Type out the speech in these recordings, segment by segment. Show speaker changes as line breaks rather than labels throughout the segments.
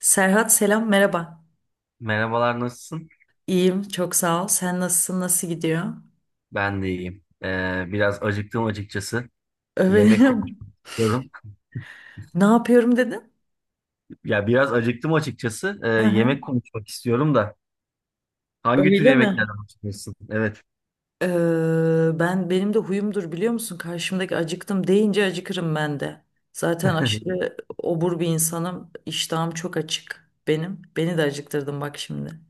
Serhat selam merhaba.
Merhabalar, nasılsın?
İyiyim, çok sağ ol. Sen nasılsın? Nasıl gidiyor?
Ben de iyiyim. Biraz acıktım açıkçası. Yemek
Öyle
konuşmak istiyorum.
ne yapıyorum dedin?
Ya biraz acıktım açıkçası.
Hı hı.
Yemek konuşmak istiyorum da. Hangi tür
Öyle
yemeklerden
mi?
hoşlanırsın? Evet.
Ben benim de huyumdur, biliyor musun? Karşımdaki acıktım deyince acıkırım ben de. Zaten aşırı obur bir insanım. İştahım çok açık benim. Beni de acıktırdın bak şimdi.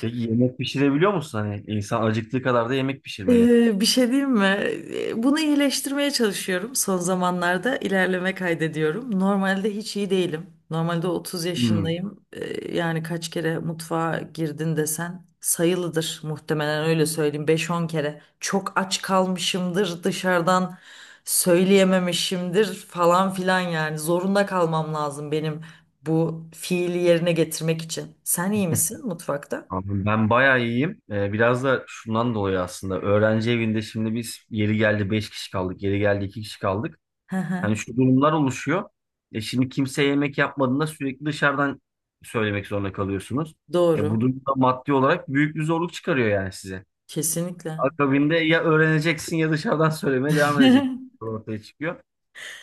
Peki yemek pişirebiliyor musun? Hani insan acıktığı kadar da yemek pişirmeli.
Bir şey diyeyim mi? Bunu iyileştirmeye çalışıyorum. Son zamanlarda ilerleme kaydediyorum. Normalde hiç iyi değilim. Normalde 30
Hmm.
yaşındayım. Yani kaç kere mutfağa girdin desen sayılıdır muhtemelen, öyle söyleyeyim. Beş on kere. Çok aç kalmışımdır, dışarıdan söyleyememişimdir falan filan yani. Zorunda kalmam lazım benim bu fiili yerine getirmek için. Sen iyi misin mutfakta?
Abi ben bayağı iyiyim. Biraz da şundan dolayı aslında. Öğrenci evinde şimdi biz yeri geldi 5 kişi kaldık. Yeri geldi 2 kişi kaldık.
Hı hı.
Hani şu durumlar oluşuyor. E şimdi kimse yemek yapmadığında sürekli dışarıdan söylemek zorunda kalıyorsunuz. E
Doğru.
bu durumda maddi olarak büyük bir zorluk çıkarıyor yani size.
Kesinlikle.
Akabinde ya öğreneceksin ya dışarıdan söylemeye devam edeceksin. Ortaya çıkıyor.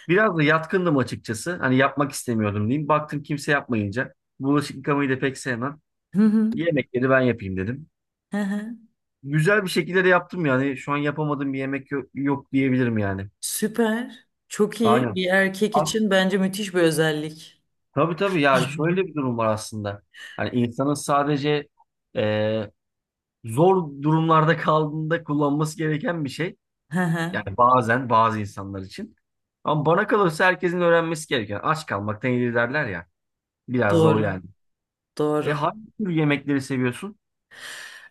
Biraz da yatkındım açıkçası. Hani yapmak istemiyordum diyeyim. Baktım kimse yapmayınca. Bulaşık yıkamayı da pek sevmem.
Hı hı.
Yemekleri ben yapayım dedim.
Hı hı.
Güzel bir şekilde de yaptım yani. Şu an yapamadığım bir yemek yok, yok diyebilirim yani.
Süper. Çok iyi.
Aynen.
Bir erkek için bence müthiş bir özellik.
Tabii tabii ya şöyle bir durum var aslında. Hani insanın sadece e, zor durumlarda kaldığında kullanması gereken bir şey.
Hı hı.
Yani bazen bazı insanlar için. Ama bana kalırsa herkesin öğrenmesi gereken. Aç kalmaktan iyidir derler ya. Biraz da o
Doğru.
yani. E
Doğru.
hangi tür yemekleri seviyorsun?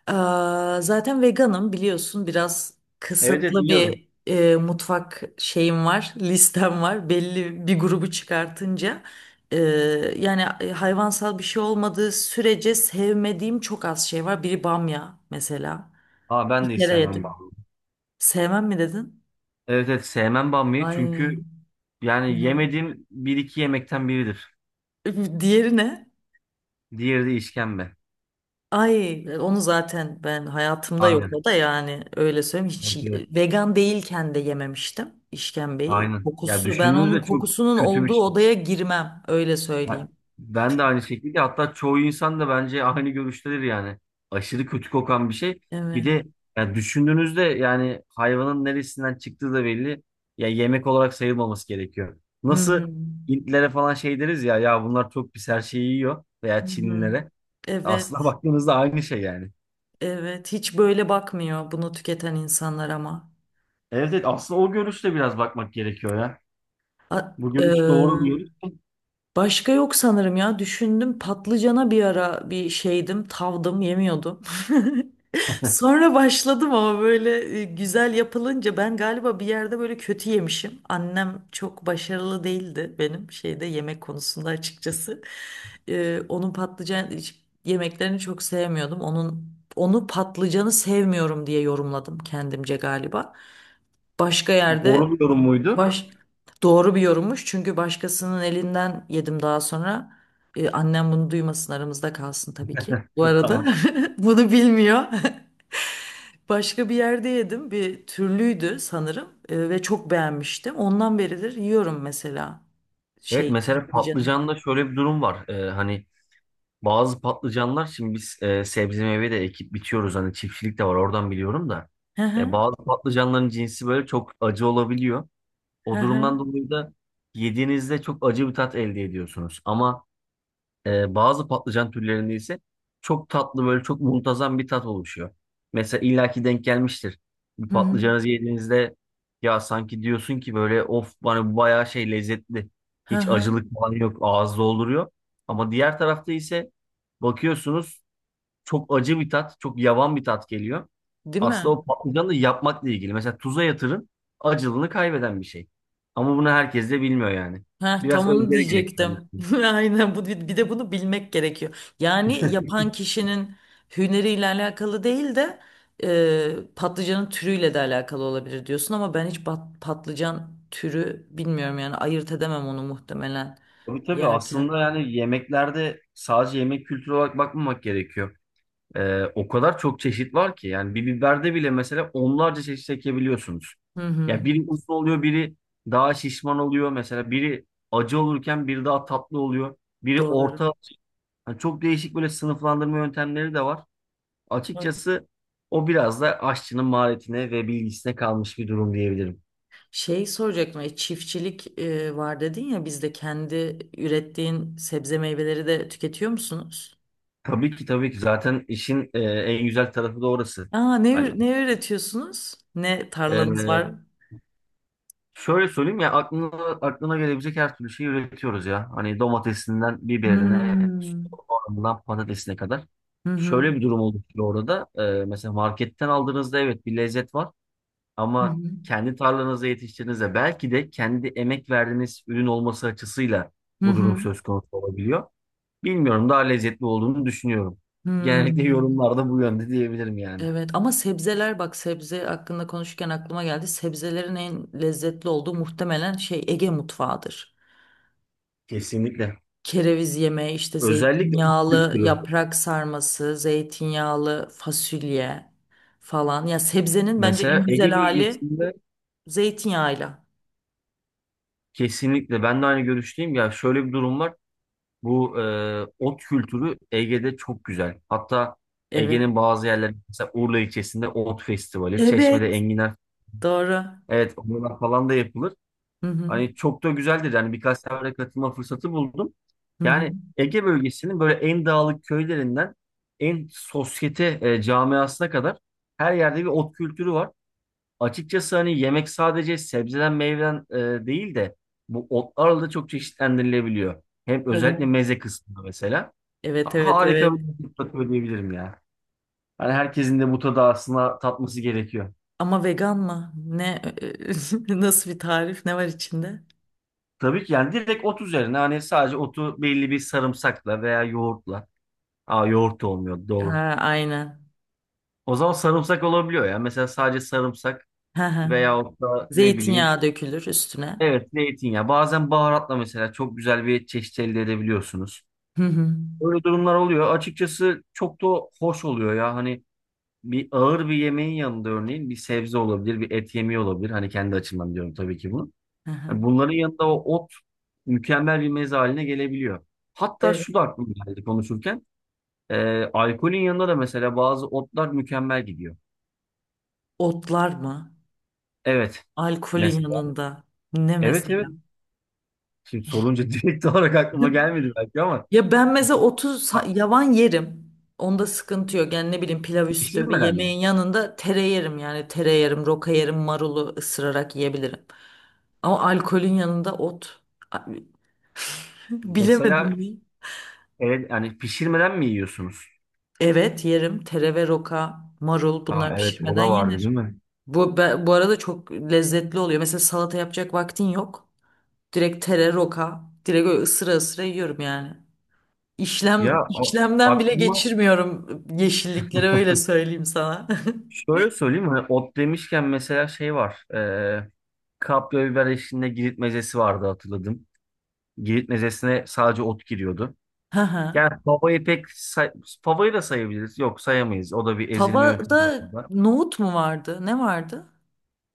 Aa, zaten veganım biliyorsun, biraz
Evet, evet
kısıtlı
biliyorum.
bir mutfak şeyim var, listem var. Belli bir grubu çıkartınca, e, yani hayvansal bir şey olmadığı sürece sevmediğim çok az şey var. Biri bamya mesela.
Aa, ben
Bir
de hiç
kere
sevmem
yedim.
bamya.
Sevmem mi dedin?
Evet, evet sevmem bamyayı
Ay.
çünkü yani
Ya.
yemediğim bir iki yemekten biridir.
Diğeri ne?
Diğeri de işkembe.
Ay onu zaten ben hayatımda yok, o
Aynen.
da yani, öyle söyleyeyim, hiç
Evet, evet.
vegan değilken de yememiştim işkembeyi.
Aynen. Ya
Kokusu, ben onun
düşündüğünüzde çok
kokusunun
kötü bir
olduğu
şey.
odaya girmem, öyle
Ha,
söyleyeyim.
ben de aynı şekilde, hatta çoğu insan da bence aynı görüştedir yani. Aşırı kötü kokan bir şey.
Evet.
Bir de ya düşündüğünüzde yani hayvanın neresinden çıktığı da belli. Ya yemek olarak sayılmaması gerekiyor.
Hı
Nasıl
hı.
Hintlilere falan şey deriz ya, ya bunlar çok pis her şeyi yiyor veya
Hı hı.
Çinlilere. Aslına
Evet,
baktığınızda aynı şey yani.
evet hiç böyle bakmıyor bunu tüketen insanlar ama.
Evet, evet aslında o görüşle biraz bakmak gerekiyor ya.
A-
Bu
e,
görüş doğru bir
başka yok sanırım, ya düşündüm, patlıcana bir ara bir şeydim, tavdım, yemiyordum. Sonra başladım ama böyle güzel yapılınca, ben galiba bir yerde böyle kötü yemişim. Annem çok başarılı değildi benim şeyde, yemek konusunda açıkçası. Onun patlıcan yemeklerini çok sevmiyordum. Onun patlıcanı sevmiyorum diye yorumladım kendimce galiba. Başka yerde
doğru bir yorum muydu?
baş Doğru bir yorummuş, çünkü başkasının elinden yedim daha sonra. Annem bunu duymasın, aramızda kalsın tabii ki. Bu arada
Tamam.
bunu bilmiyor. Başka bir yerde yedim. Bir türlüydü sanırım, ve çok beğenmiştim. Ondan beridir yiyorum mesela,
Evet
şey
mesela
patlıcanı.
patlıcanda şöyle bir durum var. Hani bazı patlıcanlar, şimdi biz sebze meyve de ekip bitiyoruz, hani çiftçilik de var oradan biliyorum da.
Hı hı
Bazı patlıcanların cinsi böyle çok acı olabiliyor.
hı
O durumdan
hı
dolayı da yediğinizde çok acı bir tat elde ediyorsunuz. Ama bazı patlıcan türlerinde ise çok tatlı, böyle çok muntazam bir tat oluşuyor. Mesela illaki denk gelmiştir. Bir
hı
patlıcanı yediğinizde ya sanki diyorsun ki böyle of bana bu bayağı şey lezzetli.
hı hı
Hiç
hı.
acılık falan yok, ağız dolduruyor. Ama diğer tarafta ise bakıyorsunuz çok acı bir tat, çok yavan bir tat geliyor.
Değil
Aslında
mi?
o patlıcanı da yapmakla ilgili. Mesela tuza yatırın, acılığını kaybeden bir şey. Ama bunu herkes de bilmiyor yani.
Ha,
Biraz
tam onu
özveri gerektiren bir
diyecektim.
şey.
Aynen, bu bir de bunu bilmek gerekiyor. Yani yapan kişinin hüneriyle alakalı değil de, patlıcanın türüyle de alakalı olabilir diyorsun, ama ben hiç patlıcan türü bilmiyorum yani, ayırt edemem onu muhtemelen
Tabii tabii, aslında
yerken.
yani yemeklerde sadece yemek kültürü olarak bakmamak gerekiyor. O kadar çok çeşit var ki yani bir biberde bile mesela onlarca çeşit ekebiliyorsunuz.
Hı hı.
Ya biri uzun oluyor, biri daha şişman oluyor, mesela biri acı olurken biri daha tatlı oluyor. Biri
Doğru.
orta, yani çok değişik böyle sınıflandırma yöntemleri de var.
Doğru.
Açıkçası o biraz da aşçının maharetine ve bilgisine kalmış bir durum diyebilirim.
Şey soracaktım, çiftçilik var dedin ya, bizde kendi ürettiğin sebze meyveleri de tüketiyor musunuz?
Tabii ki, tabii ki zaten işin en güzel tarafı da orası.
Aa,
Hani
ne üretiyorsunuz? Ne tarlanız
ee,
var?
şöyle söyleyeyim, ya aklına gelebilecek her türlü şeyi üretiyoruz ya. Hani domatesinden biberine,
Hmm.
soğanından patatesine kadar.
Hı hı.
Şöyle bir durum oluşuyor orada. Mesela marketten aldığınızda evet bir lezzet var
Hı
ama
hı.
kendi tarlanızda yetiştirdiğinizde belki de kendi emek verdiğiniz ürün olması açısıyla
Hı
bu durum
hı.
söz konusu olabiliyor. Bilmiyorum, daha lezzetli olduğunu düşünüyorum. Genellikle
Hmm.
yorumlarda bu yönde diyebilirim yani.
Evet, ama sebzeler, bak sebze hakkında konuşurken aklıma geldi. Sebzelerin en lezzetli olduğu muhtemelen şey, Ege mutfağıdır.
Kesinlikle.
Kereviz yemeği, işte
Özellikle bu
zeytinyağlı
kültürü.
yaprak sarması, zeytinyağlı fasulye falan. Ya sebzenin bence en
Mesela
güzel
Ege
hali
bölgesinde.
zeytinyağıyla.
Kesinlikle ben de aynı görüşteyim. Ya şöyle bir durum var. Bu ot kültürü Ege'de çok güzel. Hatta
Evet.
Ege'nin bazı yerleri, mesela Urla ilçesinde ot festivali, Çeşme'de
Evet.
enginar,
Doğru.
evet onlar falan da yapılır.
Hı hı.
Hani çok da güzeldir. Yani birkaç sefere katılma fırsatı buldum.
Hı hı.
Yani Ege bölgesinin böyle en dağlık köylerinden en sosyete camiasına kadar her yerde bir ot kültürü var. Açıkçası hani yemek sadece sebzeden meyveden değil de bu otlarla da çok çeşitlendirilebiliyor. Hem
Evet.
özellikle meze kısmında mesela.
Evet evet
Harika bir
evet.
lezzet katıyor diyebilirim ya. Hani herkesin de bu tadı aslında tatması gerekiyor.
Ama vegan mı? Ne nasıl bir tarif? Ne var içinde?
Tabii ki yani direkt ot üzerine, hani sadece otu belli bir sarımsakla veya yoğurtla. Aa, yoğurt da olmuyor doğru.
Ha, aynen.
O zaman sarımsak olabiliyor ya. Mesela sadece sarımsak
Hı hı.
veyahut da ne bileyim.
Zeytinyağı dökülür üstüne.
Evet zeytinyağı. Bazen baharatla mesela çok güzel bir çeşit elde edebiliyorsunuz.
Hı hı.
Böyle durumlar oluyor. Açıkçası çok da hoş oluyor ya. Hani bir ağır bir yemeğin yanında örneğin bir sebze olabilir, bir et yemeği olabilir. Hani kendi açımdan diyorum tabii ki bunu.
Hı hı.
Hani bunların yanında o ot mükemmel bir meze haline gelebiliyor. Hatta
Evet.
şu da aklıma geldi konuşurken. Alkolün yanında da mesela bazı otlar mükemmel gidiyor.
Otlar mı?
Evet.
Alkolün
Mesela.
yanında. Ne
Evet, evet.
mesela?
Şimdi sorunca direkt olarak aklıma gelmedi belki ama
Ya ben mesela 30
ha,
yavan yerim. Onda sıkıntı yok. Yani ne bileyim, pilav üstü bir
pişirmeden mi?
yemeğin yanında tere yerim, yani tere yerim, roka yerim, marulu ısırarak yiyebilirim. Ama alkolün yanında ot. Abi, bilemedim
Mesela
ya.
evet, yani pişirmeden mi yiyorsunuz?
Evet yerim. Tere ve roka, marul,
Aa,
bunlar
evet o
pişirmeden
da vardı
yenir.
değil mi?
Bu arada çok lezzetli oluyor. Mesela salata yapacak vaktin yok. Direkt tere, roka. Direkt öyle ısıra ısıra yiyorum yani. İşlemden bile
Aklıma
geçirmiyorum yeşilliklere öyle söyleyeyim sana.
şöyle söyleyeyim mi? Ot demişken mesela şey var. Kapya biber eşliğinde Girit mezesi vardı, hatırladım. Girit mezesine sadece ot giriyordu.
Hı hı.
Yani favayı da sayabiliriz. Yok, sayamayız. O da bir ezilme yöntemi
Fava'da
var.
nohut mu vardı? Ne vardı?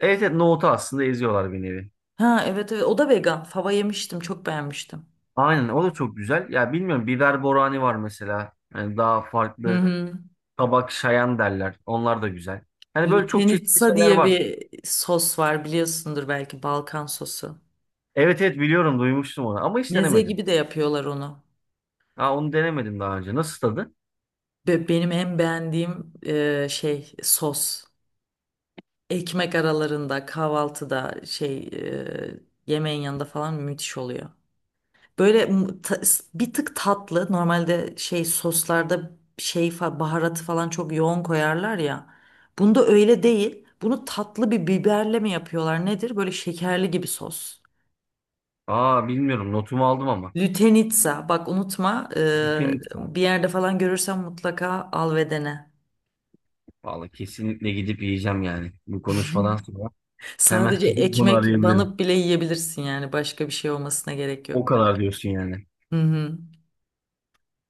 Evet, evet nohutu aslında eziyorlar bir nevi.
Ha evet, evet o da vegan. Fava yemiştim, çok beğenmiştim.
Aynen o da çok güzel. Ya bilmiyorum biber borani var mesela. Yani daha
Hı
farklı
hı.
tabak şayan derler. Onlar da güzel. Hani böyle çok çeşitli
Lütenitsa
şeyler
diye
var.
bir sos var, biliyorsundur belki, Balkan sosu.
Evet, evet biliyorum, duymuştum onu ama hiç
Meze
denemedim.
gibi de yapıyorlar onu.
Ha, onu denemedim daha önce. Nasıl tadı?
Benim en beğendiğim şey sos. Ekmek aralarında, kahvaltıda şey yemeğin yanında falan müthiş oluyor. Böyle m- ta- Bir tık tatlı. Normalde şey soslarda baharatı falan çok yoğun koyarlar ya. Bunda öyle değil. Bunu tatlı bir biberle mi yapıyorlar nedir? Böyle şekerli gibi sos.
Aa, bilmiyorum notumu aldım ama.
Lütenitsa, bak unutma,
Kesinlikle.
bir yerde falan görürsen mutlaka al ve dene.
Vallahi kesinlikle gidip yiyeceğim yani. Bu konuşmadan sonra hemen
Sadece
gidip bunu
ekmek
arayabilirim.
banıp bile yiyebilirsin yani, başka bir şey olmasına gerek
O
yok.
kadar diyorsun yani.
Hı hı.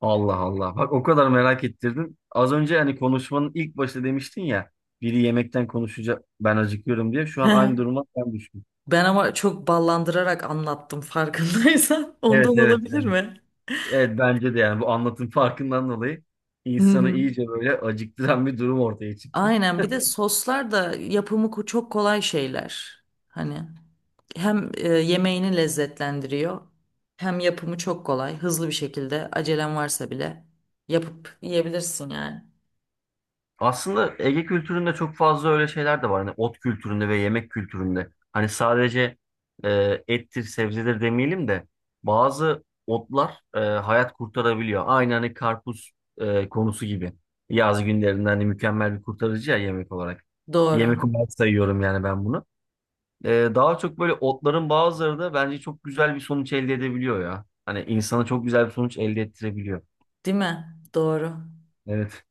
Allah Allah. Bak, o kadar merak ettirdin. Az önce hani konuşmanın ilk başta demiştin ya. Biri yemekten konuşacak ben acıkıyorum diye. Şu an aynı duruma ben düştüm.
Ben ama çok ballandırarak anlattım farkındaysan. Ondan
Evet, evet,
olabilir
evet.
mi?
Evet bence de yani bu anlatım farkından dolayı
Hı
insanı
hı.
iyice böyle acıktıran bir durum ortaya çıktı.
Aynen, bir de soslar, da yapımı çok kolay şeyler. Hani hem yemeğini lezzetlendiriyor, hem yapımı çok kolay. Hızlı bir şekilde acelen varsa bile yapıp yiyebilirsin yani.
Aslında Ege kültüründe çok fazla öyle şeyler de var. Hani ot kültüründe ve yemek kültüründe. Hani sadece ettir, sebzedir demeyelim de bazı otlar hayat kurtarabiliyor. Aynı hani karpuz konusu gibi. Yaz günlerinde hani mükemmel bir kurtarıcı ya, yemek olarak.
Doğru.
Yemek olarak sayıyorum yani ben bunu. E, Daha çok böyle otların bazıları da bence çok güzel bir sonuç elde edebiliyor ya. Hani insana çok güzel bir sonuç elde ettirebiliyor.
Değil mi? Doğru.
Evet.